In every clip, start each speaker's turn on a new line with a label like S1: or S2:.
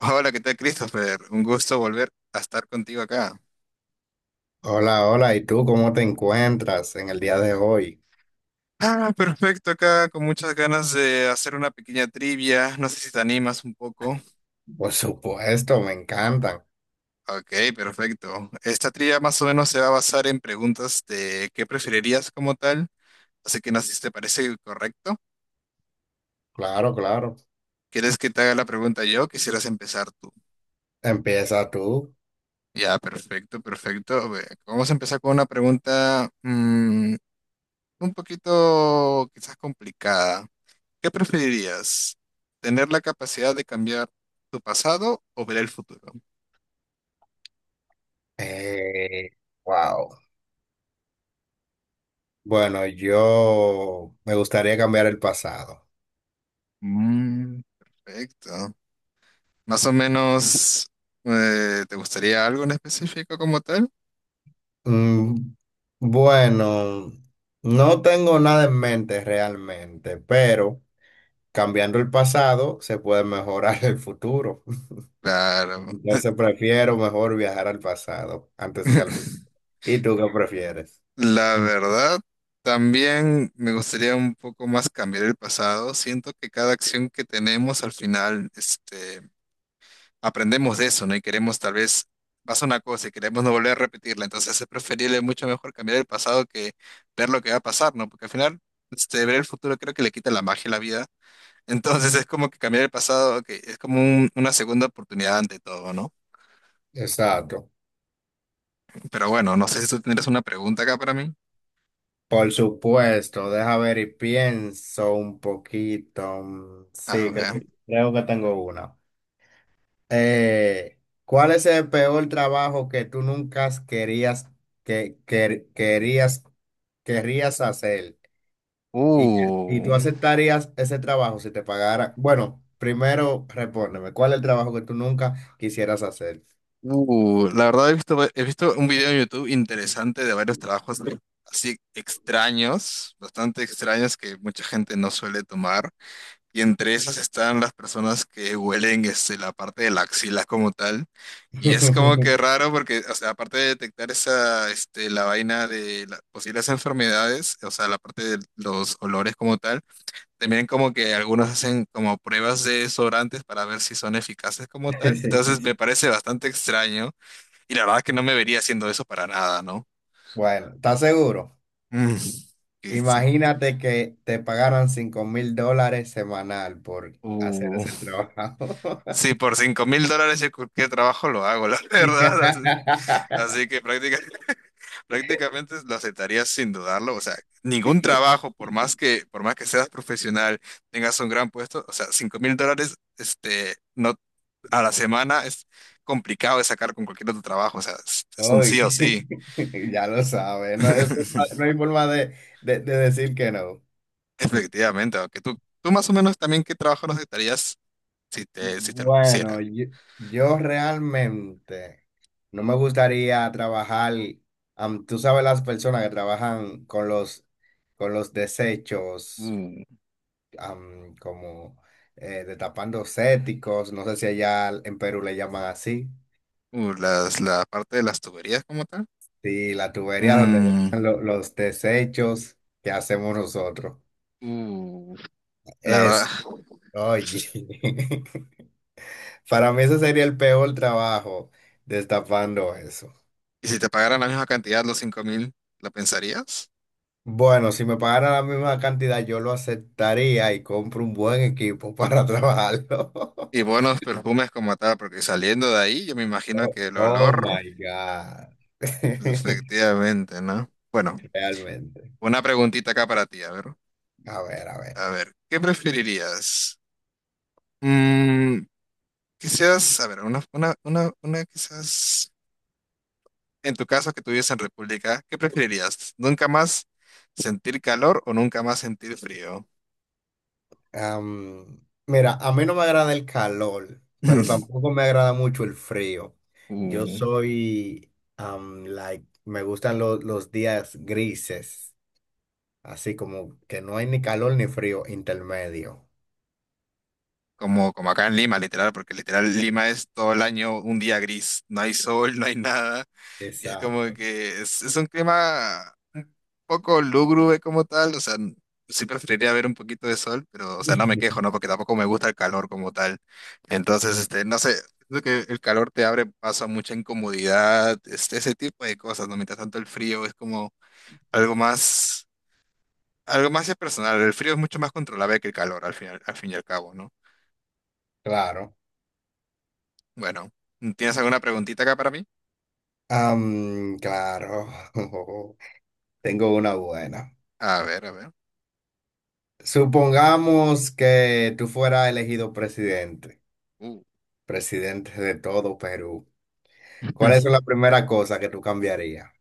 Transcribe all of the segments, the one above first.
S1: Hola, ¿qué tal, Christopher? Un gusto volver a estar contigo acá.
S2: Hola, hola, ¿y tú cómo te encuentras en el día de hoy?
S1: Ah, perfecto, acá con muchas ganas de hacer una pequeña trivia. No sé si te animas un poco.
S2: Por supuesto, me encantan.
S1: Ok, perfecto. Esta trivia más o menos se va a basar en preguntas de qué preferirías como tal. Así que no sé si te parece correcto.
S2: Claro, claro.
S1: ¿Quieres que te haga la pregunta yo? ¿Quisieras empezar tú?
S2: Empieza tú.
S1: Ya, perfecto, perfecto. A ver, vamos a empezar con una pregunta un poquito quizás complicada. ¿Qué preferirías? ¿Tener la capacidad de cambiar tu pasado o ver el futuro?
S2: Eh, wow. Bueno, yo me gustaría cambiar el pasado.
S1: Mm, perfecto. Más o menos, ¿te gustaría algo en específico como tal?
S2: Mm, bueno, no tengo nada en mente realmente, pero cambiando el pasado se puede mejorar el futuro.
S1: Claro.
S2: Entonces prefiero mejor viajar al pasado antes que al futuro. ¿Y tú qué prefieres?
S1: La verdad, también me gustaría un poco más cambiar el pasado. Siento que cada acción que tenemos al final, aprendemos de eso, ¿no? Y queremos tal vez pasa una cosa y queremos no volver a repetirla. Entonces es preferible mucho mejor cambiar el pasado que ver lo que va a pasar, ¿no? Porque al final, ver el futuro creo que le quita la magia a la vida. Entonces es como que cambiar el pasado, que es como una segunda oportunidad ante todo, ¿no?
S2: Exacto.
S1: Pero bueno, no sé si tú tendrás una pregunta acá para mí.
S2: Por supuesto, deja ver y pienso un poquito.
S1: A
S2: Sí, creo,
S1: ver.
S2: creo que tengo una. Eh, ¿Cuál es el peor trabajo que tú nunca querías, que, que- querías, querrías hacer? ¿Y, y tú
S1: Uh,
S2: aceptarías ese trabajo si te pagara? Bueno, primero respóndeme, ¿cuál es el trabajo que tú nunca quisieras hacer?
S1: la verdad he visto, he visto un video en YouTube interesante de varios trabajos así extraños, bastante extraños que mucha gente no suele tomar. Y entre esas están las personas que huelen la parte de la axila como tal. Y es como que raro porque, o sea, aparte de detectar esa, la vaina de las posibles enfermedades, o sea, la parte de los olores como tal, también como que algunos hacen como pruebas de desodorantes para ver si son eficaces como tal. Entonces me parece bastante extraño y la verdad es que no me vería haciendo eso para nada, ¿no?
S2: Bueno, ¿estás seguro?
S1: Mm, eso.
S2: Imagínate que te pagaran $5,000 semanal por hacer
S1: Uh,
S2: ese trabajo.
S1: sí, por $5.000 yo cualquier trabajo lo hago, la verdad. Así que prácticamente lo aceptarías sin dudarlo. O sea, ningún trabajo, por más que seas profesional, tengas un gran puesto, o sea, $5.000, no, a la semana es complicado de sacar con cualquier otro trabajo. O sea, es un
S2: Uy,
S1: sí o sí.
S2: ya lo sabes, no, hay forma no hay forma de, de decir que no.
S1: Efectivamente, aunque tú más o menos también qué trabajo no aceptarías si te lo
S2: Bueno,
S1: pusieran.
S2: yo realmente no me gustaría trabajar, tú sabes las personas que trabajan con los desechos.
S1: Uh,
S2: Como destapando céticos, no sé si allá en Perú le llaman así,
S1: la parte de las tuberías como tal.
S2: y la tubería donde
S1: Mm,
S2: van los desechos que hacemos nosotros.
S1: uh, la verdad.
S2: Es, Oye, para mí ese sería el peor trabajo, destapando eso.
S1: Y si te pagaran la misma cantidad, los 5.000, ¿lo pensarías?
S2: Bueno, si me pagaran la misma cantidad, yo lo aceptaría y compro un buen equipo para trabajarlo.
S1: Y buenos perfumes como tal, porque saliendo de ahí, yo me imagino
S2: Oh,
S1: que el
S2: oh
S1: olor,
S2: my God.
S1: efectivamente, ¿no? Bueno,
S2: Realmente.
S1: una preguntita acá para ti, a ver.
S2: A ver, a ver.
S1: A ver, ¿qué preferirías? Mm, quizás, a ver, una quizás, en tu caso que tú vives en República, ¿qué preferirías? ¿Nunca más sentir calor o nunca más sentir frío?
S2: Am, Mira, a mí no me agrada el calor, pero tampoco me agrada mucho el frío. Yo
S1: Uh.
S2: soy, am, like, me gustan los días grises, así como que no hay ni calor ni frío intermedio.
S1: Como, acá en Lima, literal, porque literal Lima es todo el año un día gris, no hay sol, no hay nada, y es como
S2: Exacto.
S1: que es un clima un poco lúgubre como tal, o sea, sí preferiría ver un poquito de sol, pero, o sea, no me quejo, ¿no? Porque tampoco me gusta el calor como tal. Entonces, no sé, creo que el calor te abre paso a mucha incomodidad, ese tipo de cosas, ¿no? Mientras tanto el frío es como algo más, algo más personal, el frío es mucho más controlable que el calor al final, al fin y al cabo, ¿no?
S2: Claro.
S1: Bueno, ¿tienes alguna preguntita acá para mí?
S2: Claro. Tengo una buena.
S1: A ver, a ver.
S2: Supongamos que tú fueras elegido presidente,
S1: Uh,
S2: presidente de todo Perú. ¿Cuál es la primera cosa que tú cambiarías?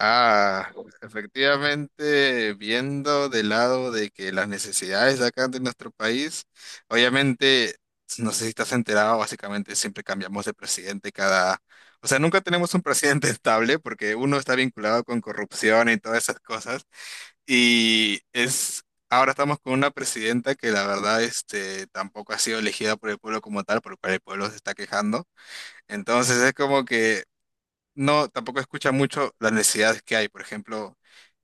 S1: Ah, efectivamente, viendo del lado de que las necesidades de acá de nuestro país, obviamente, no sé si estás enterado, básicamente siempre cambiamos de presidente cada, o sea, nunca tenemos un presidente estable porque uno está vinculado con corrupción y todas esas cosas. Y es, ahora estamos con una presidenta que la verdad, tampoco ha sido elegida por el pueblo como tal, por lo cual el pueblo se está quejando. Entonces es como que no, tampoco escucha mucho las necesidades que hay. Por ejemplo,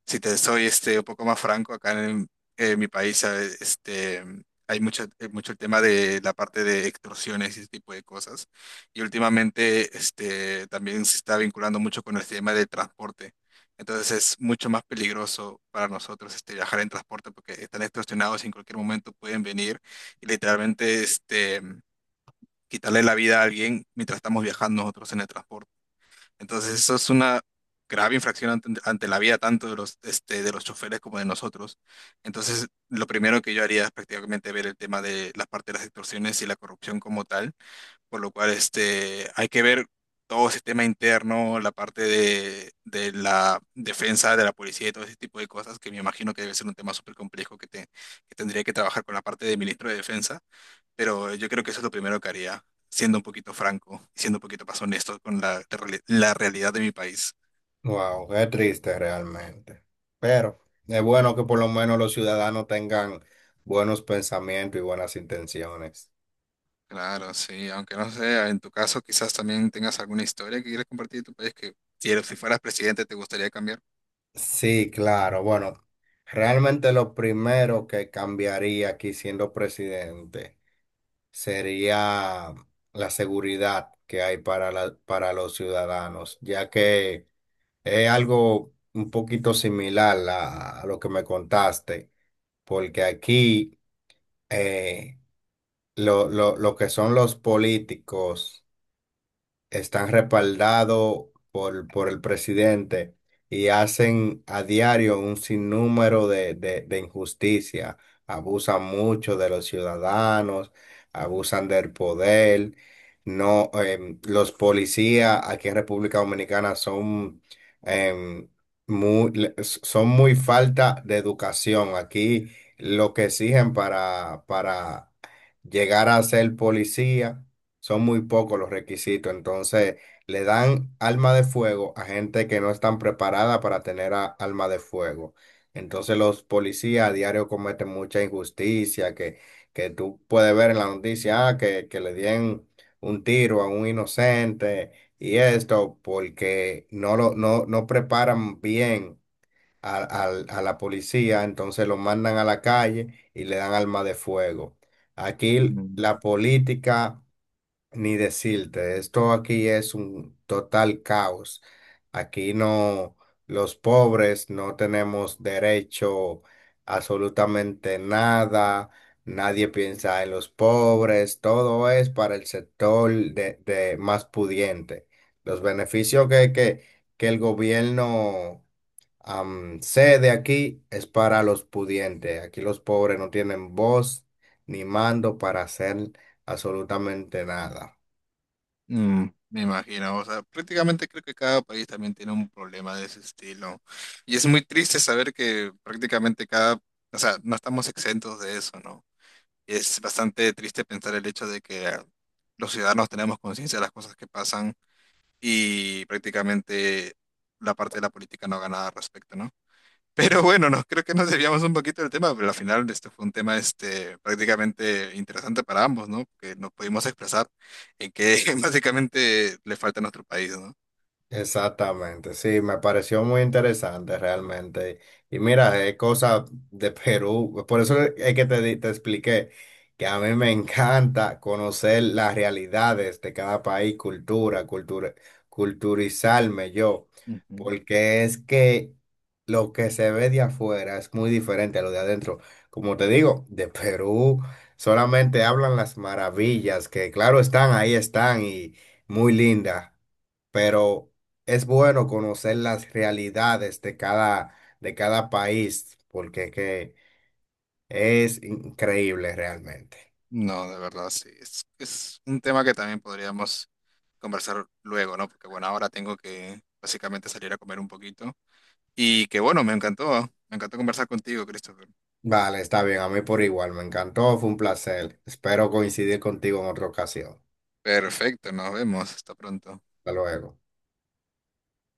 S1: si te soy un poco más franco, acá en mi país, ¿sabes? Hay mucho el tema de la parte de extorsiones y ese tipo de cosas. Y últimamente también se está vinculando mucho con el tema del transporte. Entonces es mucho más peligroso para nosotros viajar en transporte porque están extorsionados y en cualquier momento pueden venir y literalmente quitarle la vida a alguien mientras estamos viajando nosotros en el transporte. Entonces, eso es una grave infracción ante la vida tanto de los choferes como de nosotros. Entonces, lo primero que yo haría es prácticamente ver el tema de la parte de las extorsiones y la corrupción como tal, por lo cual hay que ver todo el sistema interno, la parte de la defensa de la policía y todo ese tipo de cosas, que me imagino que debe ser un tema súper complejo que tendría que trabajar con la parte del ministro de Defensa, pero yo creo que eso es lo primero que haría, siendo un poquito franco y siendo un poquito más honesto con la realidad de mi país.
S2: Wow, qué triste realmente. Pero es bueno que por lo menos los ciudadanos tengan buenos pensamientos y buenas intenciones.
S1: Claro, sí, aunque no sé, en tu caso quizás también tengas alguna historia que quieras compartir de tu país que si fueras presidente te gustaría cambiar.
S2: Sí, claro. Bueno, realmente lo primero que cambiaría aquí siendo presidente sería la seguridad que hay para para los ciudadanos, ya que es algo un poquito similar a lo que me contaste, porque aquí eh, lo que son los políticos están respaldados por el presidente y hacen a diario un sinnúmero de, de injusticias. Abusan mucho de los ciudadanos, abusan del poder. No, los policías aquí en República Dominicana son, em, son muy falta de educación. Aquí lo que exigen para llegar a ser policía son muy pocos los requisitos, entonces le dan alma de fuego a gente que no están preparada para tener alma de fuego. Entonces los policías a diario cometen mucha injusticia que tú puedes ver en la noticia, ah, que le dieron un tiro a un inocente y esto porque no, no preparan bien a, a la policía, entonces lo mandan a la calle y le dan alma de fuego. Aquí la
S1: Mm.
S2: política ni decirte, esto aquí es un total caos. Aquí no, los pobres no tenemos derecho a absolutamente nada. Nadie piensa en los pobres. Todo es para el sector de más pudiente. Los beneficios que, que el gobierno cede aquí es para los pudientes. Aquí los pobres no tienen voz ni mando para hacer absolutamente nada.
S1: Me imagino, o sea, prácticamente creo que cada país también tiene un problema de ese estilo. Y es muy triste saber que prácticamente cada, o sea, no estamos exentos de eso, ¿no? Es bastante triste pensar el hecho de que los ciudadanos tenemos conciencia de las cosas que pasan y prácticamente la parte de la política no haga nada al respecto, ¿no? Pero bueno, no, creo que nos desviamos un poquito del tema, pero al final este fue un tema prácticamente interesante para ambos, ¿no? Que nos pudimos expresar en qué básicamente le falta a nuestro país, ¿no?
S2: Exactamente, sí, me pareció muy interesante realmente. Y mira, es cosa de Perú, por eso es que te expliqué que a mí me encanta conocer las realidades de cada país, culturizarme yo,
S1: Ujú.
S2: porque es que lo que se ve de afuera es muy diferente a lo de adentro. Como te digo, de Perú solamente hablan las maravillas, que claro están, ahí están y muy lindas pero es bueno conocer las realidades de cada país, porque que es increíble realmente.
S1: No, de verdad, sí. Es un tema que también podríamos conversar luego, ¿no? Porque bueno, ahora tengo que básicamente salir a comer un poquito. Y que bueno, me encantó conversar contigo, Christopher.
S2: Vale, está bien, a mí por igual, me encantó, fue un placer. Espero coincidir contigo en otra ocasión.
S1: Perfecto, nos vemos, hasta pronto.
S2: Hasta luego.